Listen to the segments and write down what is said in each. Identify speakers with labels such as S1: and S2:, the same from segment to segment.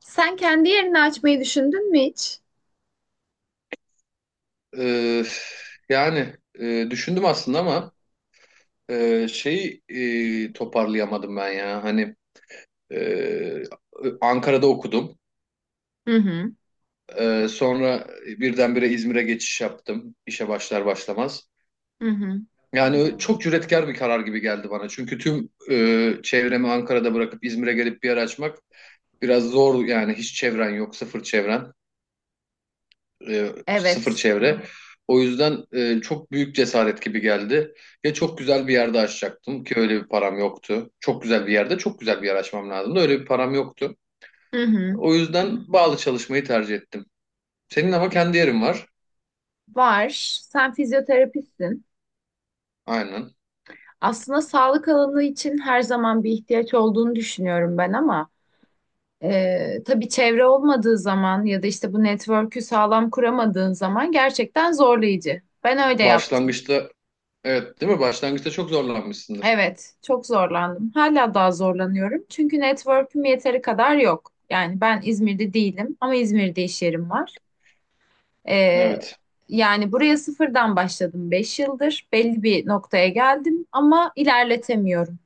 S1: Sen kendi yerini açmayı düşündün mü hiç?
S2: Ee, yani düşündüm aslında ama şeyi toparlayamadım ben ya. Hani e, Ankara'da okudum.
S1: Hı hı,
S2: Sonra birdenbire İzmir'e geçiş yaptım, işe başlar başlamaz.
S1: hı hı.
S2: Yani çok cüretkar bir karar gibi geldi bana. Çünkü tüm çevremi Ankara'da bırakıp İzmir'e gelip bir yer açmak biraz zor yani, hiç çevren yok, sıfır çevren. Sıfır
S1: Evet.
S2: çevre. O yüzden çok büyük cesaret gibi geldi. Ya çok güzel bir yerde açacaktım ki öyle bir param yoktu. Çok güzel bir yerde çok güzel bir yer açmam lazımdı. Öyle bir param yoktu.
S1: Hı hı.
S2: O yüzden bağlı çalışmayı tercih ettim. Senin ama kendi yerin var.
S1: Var. Sen fizyoterapistsin.
S2: Aynen.
S1: Aslında sağlık alanı için her zaman bir ihtiyaç olduğunu düşünüyorum ben ama tabii çevre olmadığı zaman ya da işte bu network'ü sağlam kuramadığın zaman gerçekten zorlayıcı. Ben öyle yaptım.
S2: Başlangıçta, evet değil mi? Başlangıçta çok zorlanmışsındır.
S1: Evet, çok zorlandım. Hala daha zorlanıyorum. Çünkü network'üm yeteri kadar yok. Yani ben İzmir'de değilim ama İzmir'de iş yerim var. Ee,
S2: Evet.
S1: yani buraya sıfırdan başladım. 5 yıldır belli bir noktaya geldim ama ilerletemiyorum.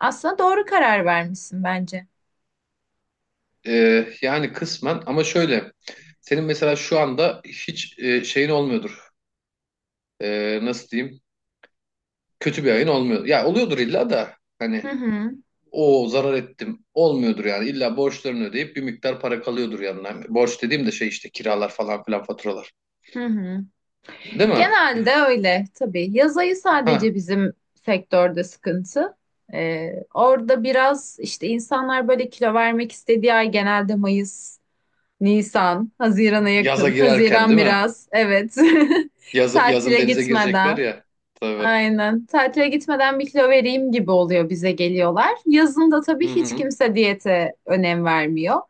S1: Aslında doğru karar vermişsin bence.
S2: Yani kısmen, ama şöyle. Senin mesela şu anda hiç şeyin olmuyordur. Nasıl diyeyim? Kötü bir ayın olmuyor. Ya oluyordur illa da.
S1: Hı
S2: Hani
S1: hı,
S2: o zarar ettim olmuyordur yani. İlla borçlarını ödeyip bir miktar para kalıyordur yanına. Borç dediğim de şey işte, kiralar falan filan, faturalar.
S1: hı hı.
S2: Değil mi?
S1: Genelde öyle tabii. Yaz ayı
S2: Ha,
S1: sadece bizim sektörde sıkıntı. Orada biraz işte insanlar böyle kilo vermek istediği ay genelde Mayıs, Nisan, Haziran'a
S2: yaza
S1: yakın.
S2: girerken
S1: Haziran
S2: değil mi?
S1: biraz, evet.
S2: Yaz, yazın
S1: Tatile
S2: denize girecekler
S1: gitmeden.
S2: ya. Tabii.
S1: Aynen. Tatile gitmeden bir kilo vereyim gibi oluyor, bize geliyorlar. Yazın da
S2: Hı
S1: tabii hiç
S2: hı.
S1: kimse diyete önem vermiyor.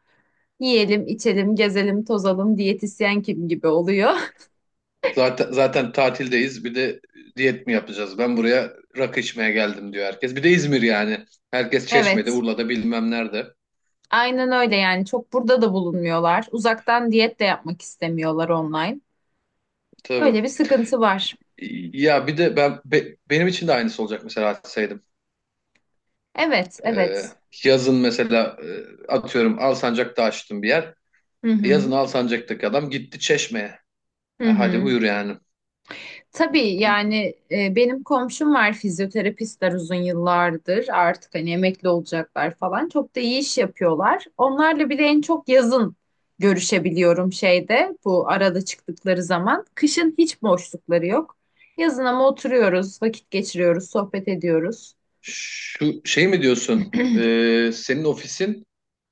S1: Yiyelim, içelim, gezelim, tozalım, diyetisyen kim gibi oluyor.
S2: Zaten zaten tatildeyiz. Bir de diyet mi yapacağız? Ben buraya rakı içmeye geldim diyor herkes. Bir de İzmir yani. Herkes Çeşme'de,
S1: Evet.
S2: Urla'da, bilmem nerede.
S1: Aynen öyle yani. Çok burada da bulunmuyorlar. Uzaktan diyet de yapmak istemiyorlar, online. Öyle
S2: Tabii.
S1: bir sıkıntı var.
S2: Ya bir de ben benim için de aynısı olacak mesela.
S1: Evet,
S2: Ee,
S1: evet.
S2: Yazın mesela, atıyorum, Alsancak'ta açtım bir yer.
S1: Hı
S2: Yazın
S1: hı.
S2: Alsancak'taki adam gitti Çeşme'ye.
S1: Hı
S2: Hadi
S1: hı.
S2: buyur yani.
S1: Tabii yani benim komşum var, fizyoterapistler, uzun yıllardır artık hani emekli olacaklar falan, çok da iyi iş yapıyorlar. Onlarla bir de en çok yazın görüşebiliyorum şeyde, bu arada, çıktıkları zaman. Kışın hiç boşlukları yok. Yazın ama oturuyoruz, vakit geçiriyoruz, sohbet ediyoruz.
S2: Şu şey mi diyorsun? Senin ofisin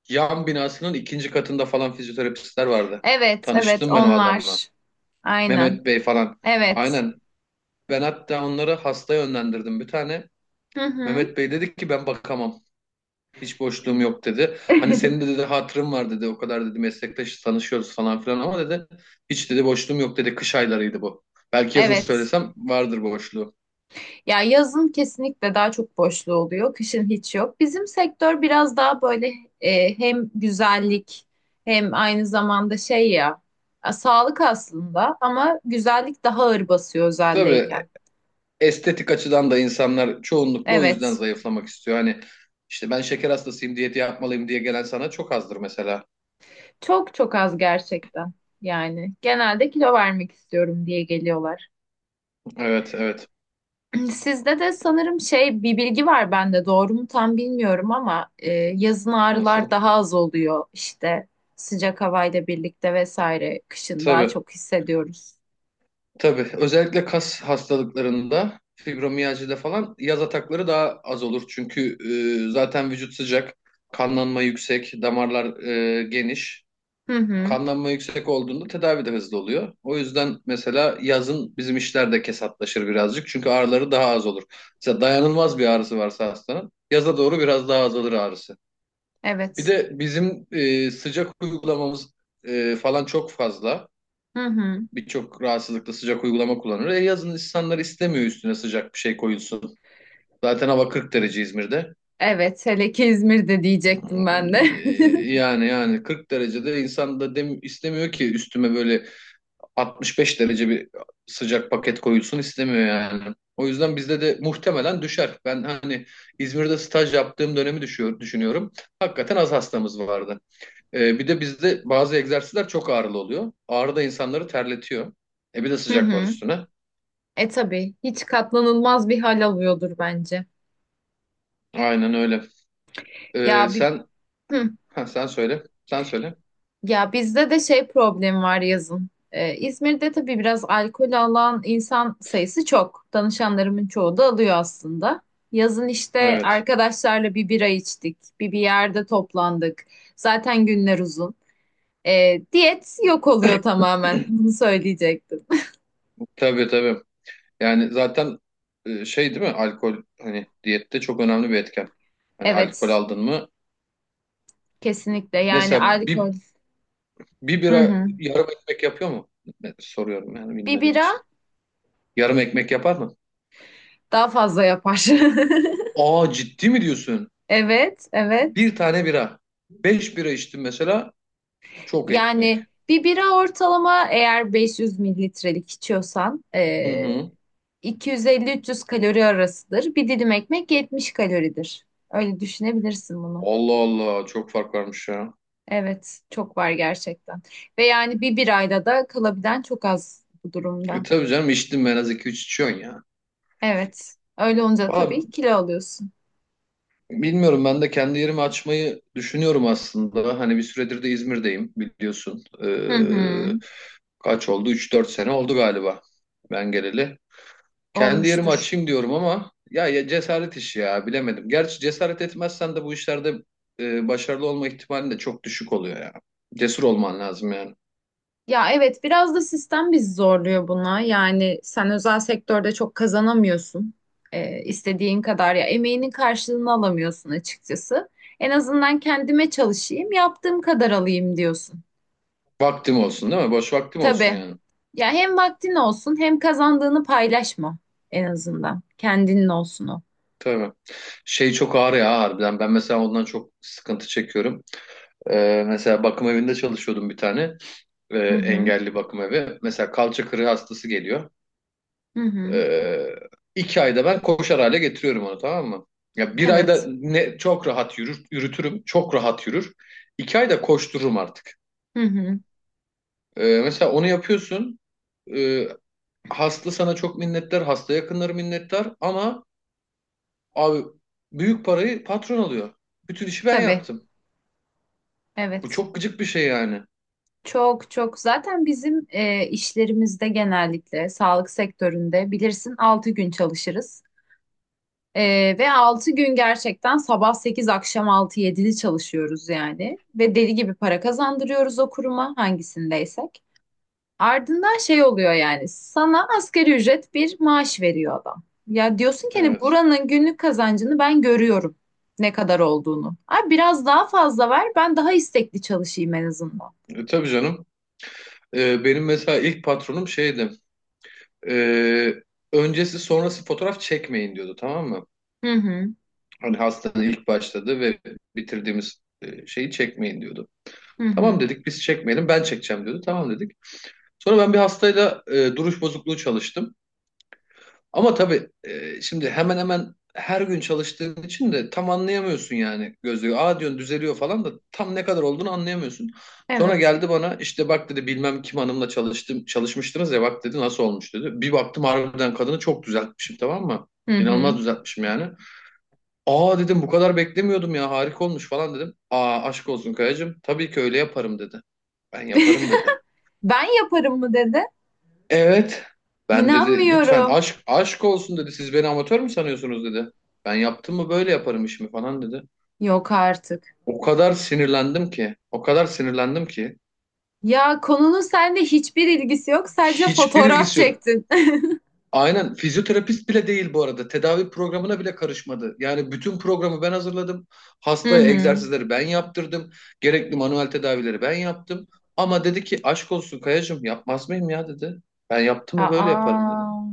S2: yan binasının ikinci katında falan fizyoterapistler vardı.
S1: Evet, evet
S2: Tanıştım ben o adamla.
S1: onlar. Aynen.
S2: Mehmet Bey falan.
S1: Evet.
S2: Aynen. Ben hatta onları hasta yönlendirdim, bir tane.
S1: Hı hı.
S2: Mehmet Bey dedi ki, ben bakamam. Hiç boşluğum yok dedi. Hani senin de dedi hatırım var dedi. O kadar dedi meslektaş tanışıyoruz falan filan ama dedi, hiç dedi boşluğum yok dedi. Kış aylarıydı bu. Belki yazın
S1: Evet.
S2: söylesem vardır boşluğu.
S1: Ya yazın kesinlikle daha çok boşluğu oluyor, kışın hiç yok. Bizim sektör biraz daha böyle hem güzellik hem aynı zamanda şey ya, sağlık aslında, ama güzellik daha ağır basıyor
S2: Tabii,
S1: özeldeyken.
S2: estetik açıdan da insanlar çoğunlukla o yüzden
S1: Evet,
S2: zayıflamak istiyor. Hani işte ben şeker hastasıyım, diyeti yapmalıyım diye gelen sana çok azdır mesela.
S1: çok çok az gerçekten yani. Genelde kilo vermek istiyorum diye geliyorlar.
S2: Evet, evet.
S1: Yani sizde de sanırım şey, bir bilgi var bende, doğru mu tam bilmiyorum ama yazın ağrılar
S2: Nasıl?
S1: daha az oluyor işte, sıcak havayla birlikte vesaire, kışın daha
S2: Tabii.
S1: çok hissediyoruz.
S2: Tabii, özellikle kas hastalıklarında, fibromiyajide falan yaz atakları daha az olur. Çünkü zaten vücut sıcak, kanlanma yüksek, damarlar geniş.
S1: Hı hı.
S2: Kanlanma yüksek olduğunda tedavi de hızlı oluyor. O yüzden mesela yazın bizim işler de kesatlaşır birazcık. Çünkü ağrıları daha az olur. Mesela dayanılmaz bir ağrısı varsa hastanın, yaza doğru biraz daha azalır ağrısı. Bir
S1: Evet.
S2: de bizim sıcak uygulamamız falan, çok fazla,
S1: Hı hı.
S2: birçok rahatsızlıkla sıcak uygulama kullanır. Yazın insanlar istemiyor üstüne sıcak bir şey koyulsun. Zaten hava 40 derece İzmir'de.
S1: Evet, hele ki İzmir'de diyecektim
S2: E,
S1: ben de.
S2: yani 40 derecede insan da dem istemiyor ki üstüme böyle 65 derece bir sıcak paket koyulsun, istemiyor yani. O yüzden bizde de muhtemelen düşer. Ben hani İzmir'de staj yaptığım dönemi düşünüyorum. Hakikaten az hastamız vardı. Bir de bizde bazı egzersizler çok ağrılı oluyor. Ağrı da insanları terletiyor. Bir de
S1: Hı
S2: sıcak var
S1: hı.
S2: üstüne.
S1: Tabii hiç katlanılmaz bir hal alıyordur bence.
S2: Aynen öyle. Ee,
S1: Ya bir,
S2: sen
S1: hı.
S2: ha, sen söyle. Sen söyle.
S1: Ya bizde de şey problemi var yazın. İzmir'de tabii biraz alkol alan insan sayısı çok. Danışanlarımın çoğu da alıyor aslında. Yazın işte
S2: Evet.
S1: arkadaşlarla bir bira içtik, bir yerde toplandık. Zaten günler uzun. Diyet yok oluyor tamamen. Bunu söyleyecektim.
S2: Tabii, tabii. Yani zaten, şey değil mi? Alkol, hani diyette çok önemli bir etken. Hani alkol
S1: Evet,
S2: aldın mı?
S1: kesinlikle. Yani
S2: Mesela
S1: alkol.
S2: bir bir
S1: Hı
S2: bira
S1: hı.
S2: yarım ekmek yapıyor mu? Soruyorum yani,
S1: Bir
S2: bilmediğim için.
S1: bira
S2: Yarım ekmek yapar mı?
S1: daha fazla yapar.
S2: Aa, ciddi mi diyorsun?
S1: Evet, evet.
S2: Bir tane bira. 5 bira içtim mesela. Çok ekmek.
S1: Yani bir bira ortalama eğer 500 mililitrelik içiyorsan
S2: Hı hı.
S1: 250-300 kalori arasıdır. Bir dilim ekmek 70 kaloridir. Öyle düşünebilirsin bunu.
S2: Allah Allah, çok fark varmış ya.
S1: Evet, çok var gerçekten. Ve yani bir birayla da kalabilen çok az bu durumda.
S2: Tabii canım, içtim ben, az iki üç içiyorsun ya.
S1: Evet, öyle olunca
S2: Valla,
S1: tabii kilo alıyorsun.
S2: bilmiyorum, ben de kendi yerimi açmayı düşünüyorum aslında. Hani bir süredir de İzmir'deyim, biliyorsun.
S1: Hı hı,
S2: Kaç oldu? 3-4 sene oldu galiba ben geleli. Kendi yerimi
S1: olmuştur.
S2: açayım diyorum ama ya, ya cesaret işi ya, bilemedim. Gerçi cesaret etmezsen de bu işlerde başarılı olma ihtimalin de çok düşük oluyor ya. Cesur olman lazım yani.
S1: Ya evet, biraz da sistem bizi zorluyor buna. Yani sen özel sektörde çok kazanamıyorsun. İstediğin kadar ya emeğinin karşılığını alamıyorsun açıkçası. En azından kendime çalışayım, yaptığım kadar alayım diyorsun.
S2: Vaktim olsun değil mi? Boş vaktim olsun
S1: Tabii.
S2: yani.
S1: Ya hem vaktin olsun hem kazandığını paylaşma, en azından kendinin olsun o.
S2: Tabii. Şey çok ağır ya, harbiden. Ben mesela ondan çok sıkıntı çekiyorum. Mesela bakım evinde çalışıyordum bir tane,
S1: Hı hı.
S2: engelli bakım evi. Mesela kalça kırığı hastası geliyor.
S1: Hı hı.
S2: E, 2 ayda ben koşar hale getiriyorum onu, tamam mı? Ya 1 ayda
S1: Evet.
S2: ne çok rahat yürür, yürütürüm. Çok rahat yürür. 2 ayda koştururum artık.
S1: Hı hı.
S2: Mesela onu yapıyorsun. E, hasta sana çok minnettar. Hasta yakınları minnettar. Ama abi, büyük parayı patron alıyor. Bütün işi ben
S1: Tabii.
S2: yaptım. Bu
S1: Evet.
S2: çok gıcık bir şey yani.
S1: Çok çok, zaten bizim işlerimizde, genellikle sağlık sektöründe bilirsin, 6 gün çalışırız. Ve 6 gün gerçekten sabah 8 akşam altı yedili çalışıyoruz yani. Ve deli gibi para kazandırıyoruz o kuruma, hangisindeysek. Ardından şey oluyor, yani sana asgari ücret bir maaş veriyor adam. Ya diyorsun ki hani
S2: Evet.
S1: buranın günlük kazancını ben görüyorum, ne kadar olduğunu. Abi biraz daha fazla ver, ben daha istekli çalışayım en azından.
S2: Tabii canım. Benim mesela ilk patronum şeydi. Ee, öncesi sonrası fotoğraf çekmeyin diyordu, tamam mı?
S1: Hı hı.
S2: Hani hastanın ilk başladığı ve bitirdiğimiz şeyi çekmeyin diyordu.
S1: Hı
S2: Tamam
S1: hı.
S2: dedik, biz çekmeyelim, ben çekeceğim diyordu. Tamam dedik. Sonra ben bir hastayla duruş bozukluğu çalıştım. Ama tabii şimdi, hemen hemen her gün çalıştığın için de tam anlayamıyorsun yani gözlüğü. Aa diyorsun düzeliyor falan da, tam ne kadar olduğunu anlayamıyorsun. Sonra
S1: Evet.
S2: geldi bana, işte bak dedi bilmem kim hanımla çalışmıştınız ya, bak dedi nasıl olmuş dedi. Bir baktım, harbiden kadını çok düzeltmişim, tamam mı?
S1: Hı hı.
S2: İnanılmaz düzeltmişim yani. Aa dedim, bu kadar beklemiyordum ya, harika olmuş falan dedim. Aa, aşk olsun Kayacığım, tabii ki öyle yaparım dedi. Ben yaparım dedi.
S1: Ben yaparım mı dedi.
S2: Evet. Ben dedi lütfen,
S1: İnanmıyorum.
S2: aşk olsun dedi. Siz beni amatör mü sanıyorsunuz dedi. Ben yaptım mı böyle yaparım işimi falan dedi.
S1: Yok artık.
S2: O kadar sinirlendim ki. O kadar sinirlendim ki.
S1: Ya konunun seninle hiçbir ilgisi yok. Sadece
S2: Hiçbir
S1: fotoğraf
S2: ilgisi yok.
S1: çektin.
S2: Aynen, fizyoterapist bile değil bu arada. Tedavi programına bile karışmadı. Yani bütün programı ben hazırladım.
S1: Hı
S2: Hastaya
S1: hı.
S2: egzersizleri ben yaptırdım. Gerekli manuel tedavileri ben yaptım. Ama dedi ki aşk olsun Kayacığım, yapmaz mıyım ya dedi. Ben yaptım mı böyle yaparım dedi.
S1: Aa,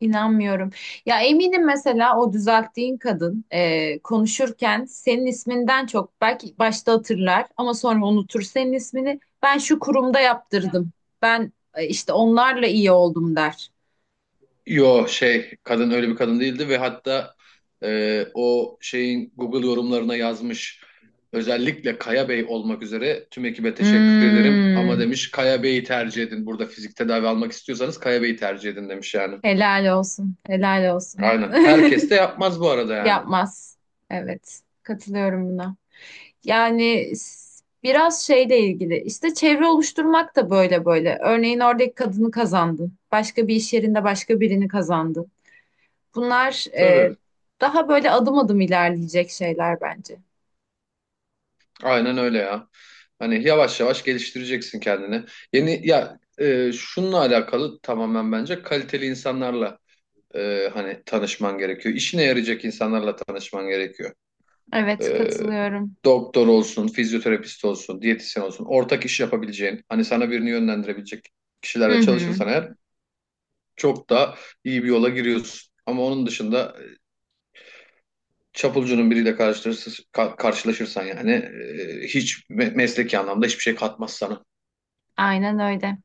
S1: inanmıyorum. Ya eminim mesela o düzelttiğin kadın konuşurken senin isminden çok belki başta hatırlar ama sonra unutur senin ismini. Ben şu kurumda yaptırdım. Ben işte onlarla iyi oldum der.
S2: Yo şey, kadın öyle bir kadın değildi ve hatta o şeyin Google yorumlarına yazmış, özellikle Kaya Bey olmak üzere tüm ekibe teşekkür ederim ama
S1: Hmm.
S2: demiş, Kaya Bey'i tercih edin, burada fizik tedavi almak istiyorsanız Kaya Bey'i tercih edin demiş yani.
S1: Helal olsun. Helal olsun.
S2: Aynen, herkes de yapmaz bu arada yani.
S1: Yapmaz. Evet. Katılıyorum buna. Yani biraz şeyle ilgili. İşte çevre oluşturmak da böyle böyle. Örneğin oradaki kadını kazandın. Başka bir iş yerinde başka birini kazandın. Bunlar
S2: Tabii,
S1: daha böyle adım adım ilerleyecek şeyler bence.
S2: aynen öyle ya. Hani yavaş yavaş geliştireceksin kendini. Yeni ya, şununla alakalı tamamen, bence kaliteli insanlarla, hani tanışman gerekiyor. İşine yarayacak insanlarla tanışman gerekiyor.
S1: Evet
S2: E,
S1: katılıyorum.
S2: doktor olsun, fizyoterapist olsun, diyetisyen olsun, ortak iş yapabileceğin, hani sana birini yönlendirebilecek
S1: Hı
S2: kişilerle
S1: hı,
S2: çalışırsan eğer, çok daha iyi bir yola giriyorsun. Ama onun dışında çapulcunun biriyle karşılaşırsan yani, hiç mesleki anlamda hiçbir şey katmaz sana.
S1: aynen öyle.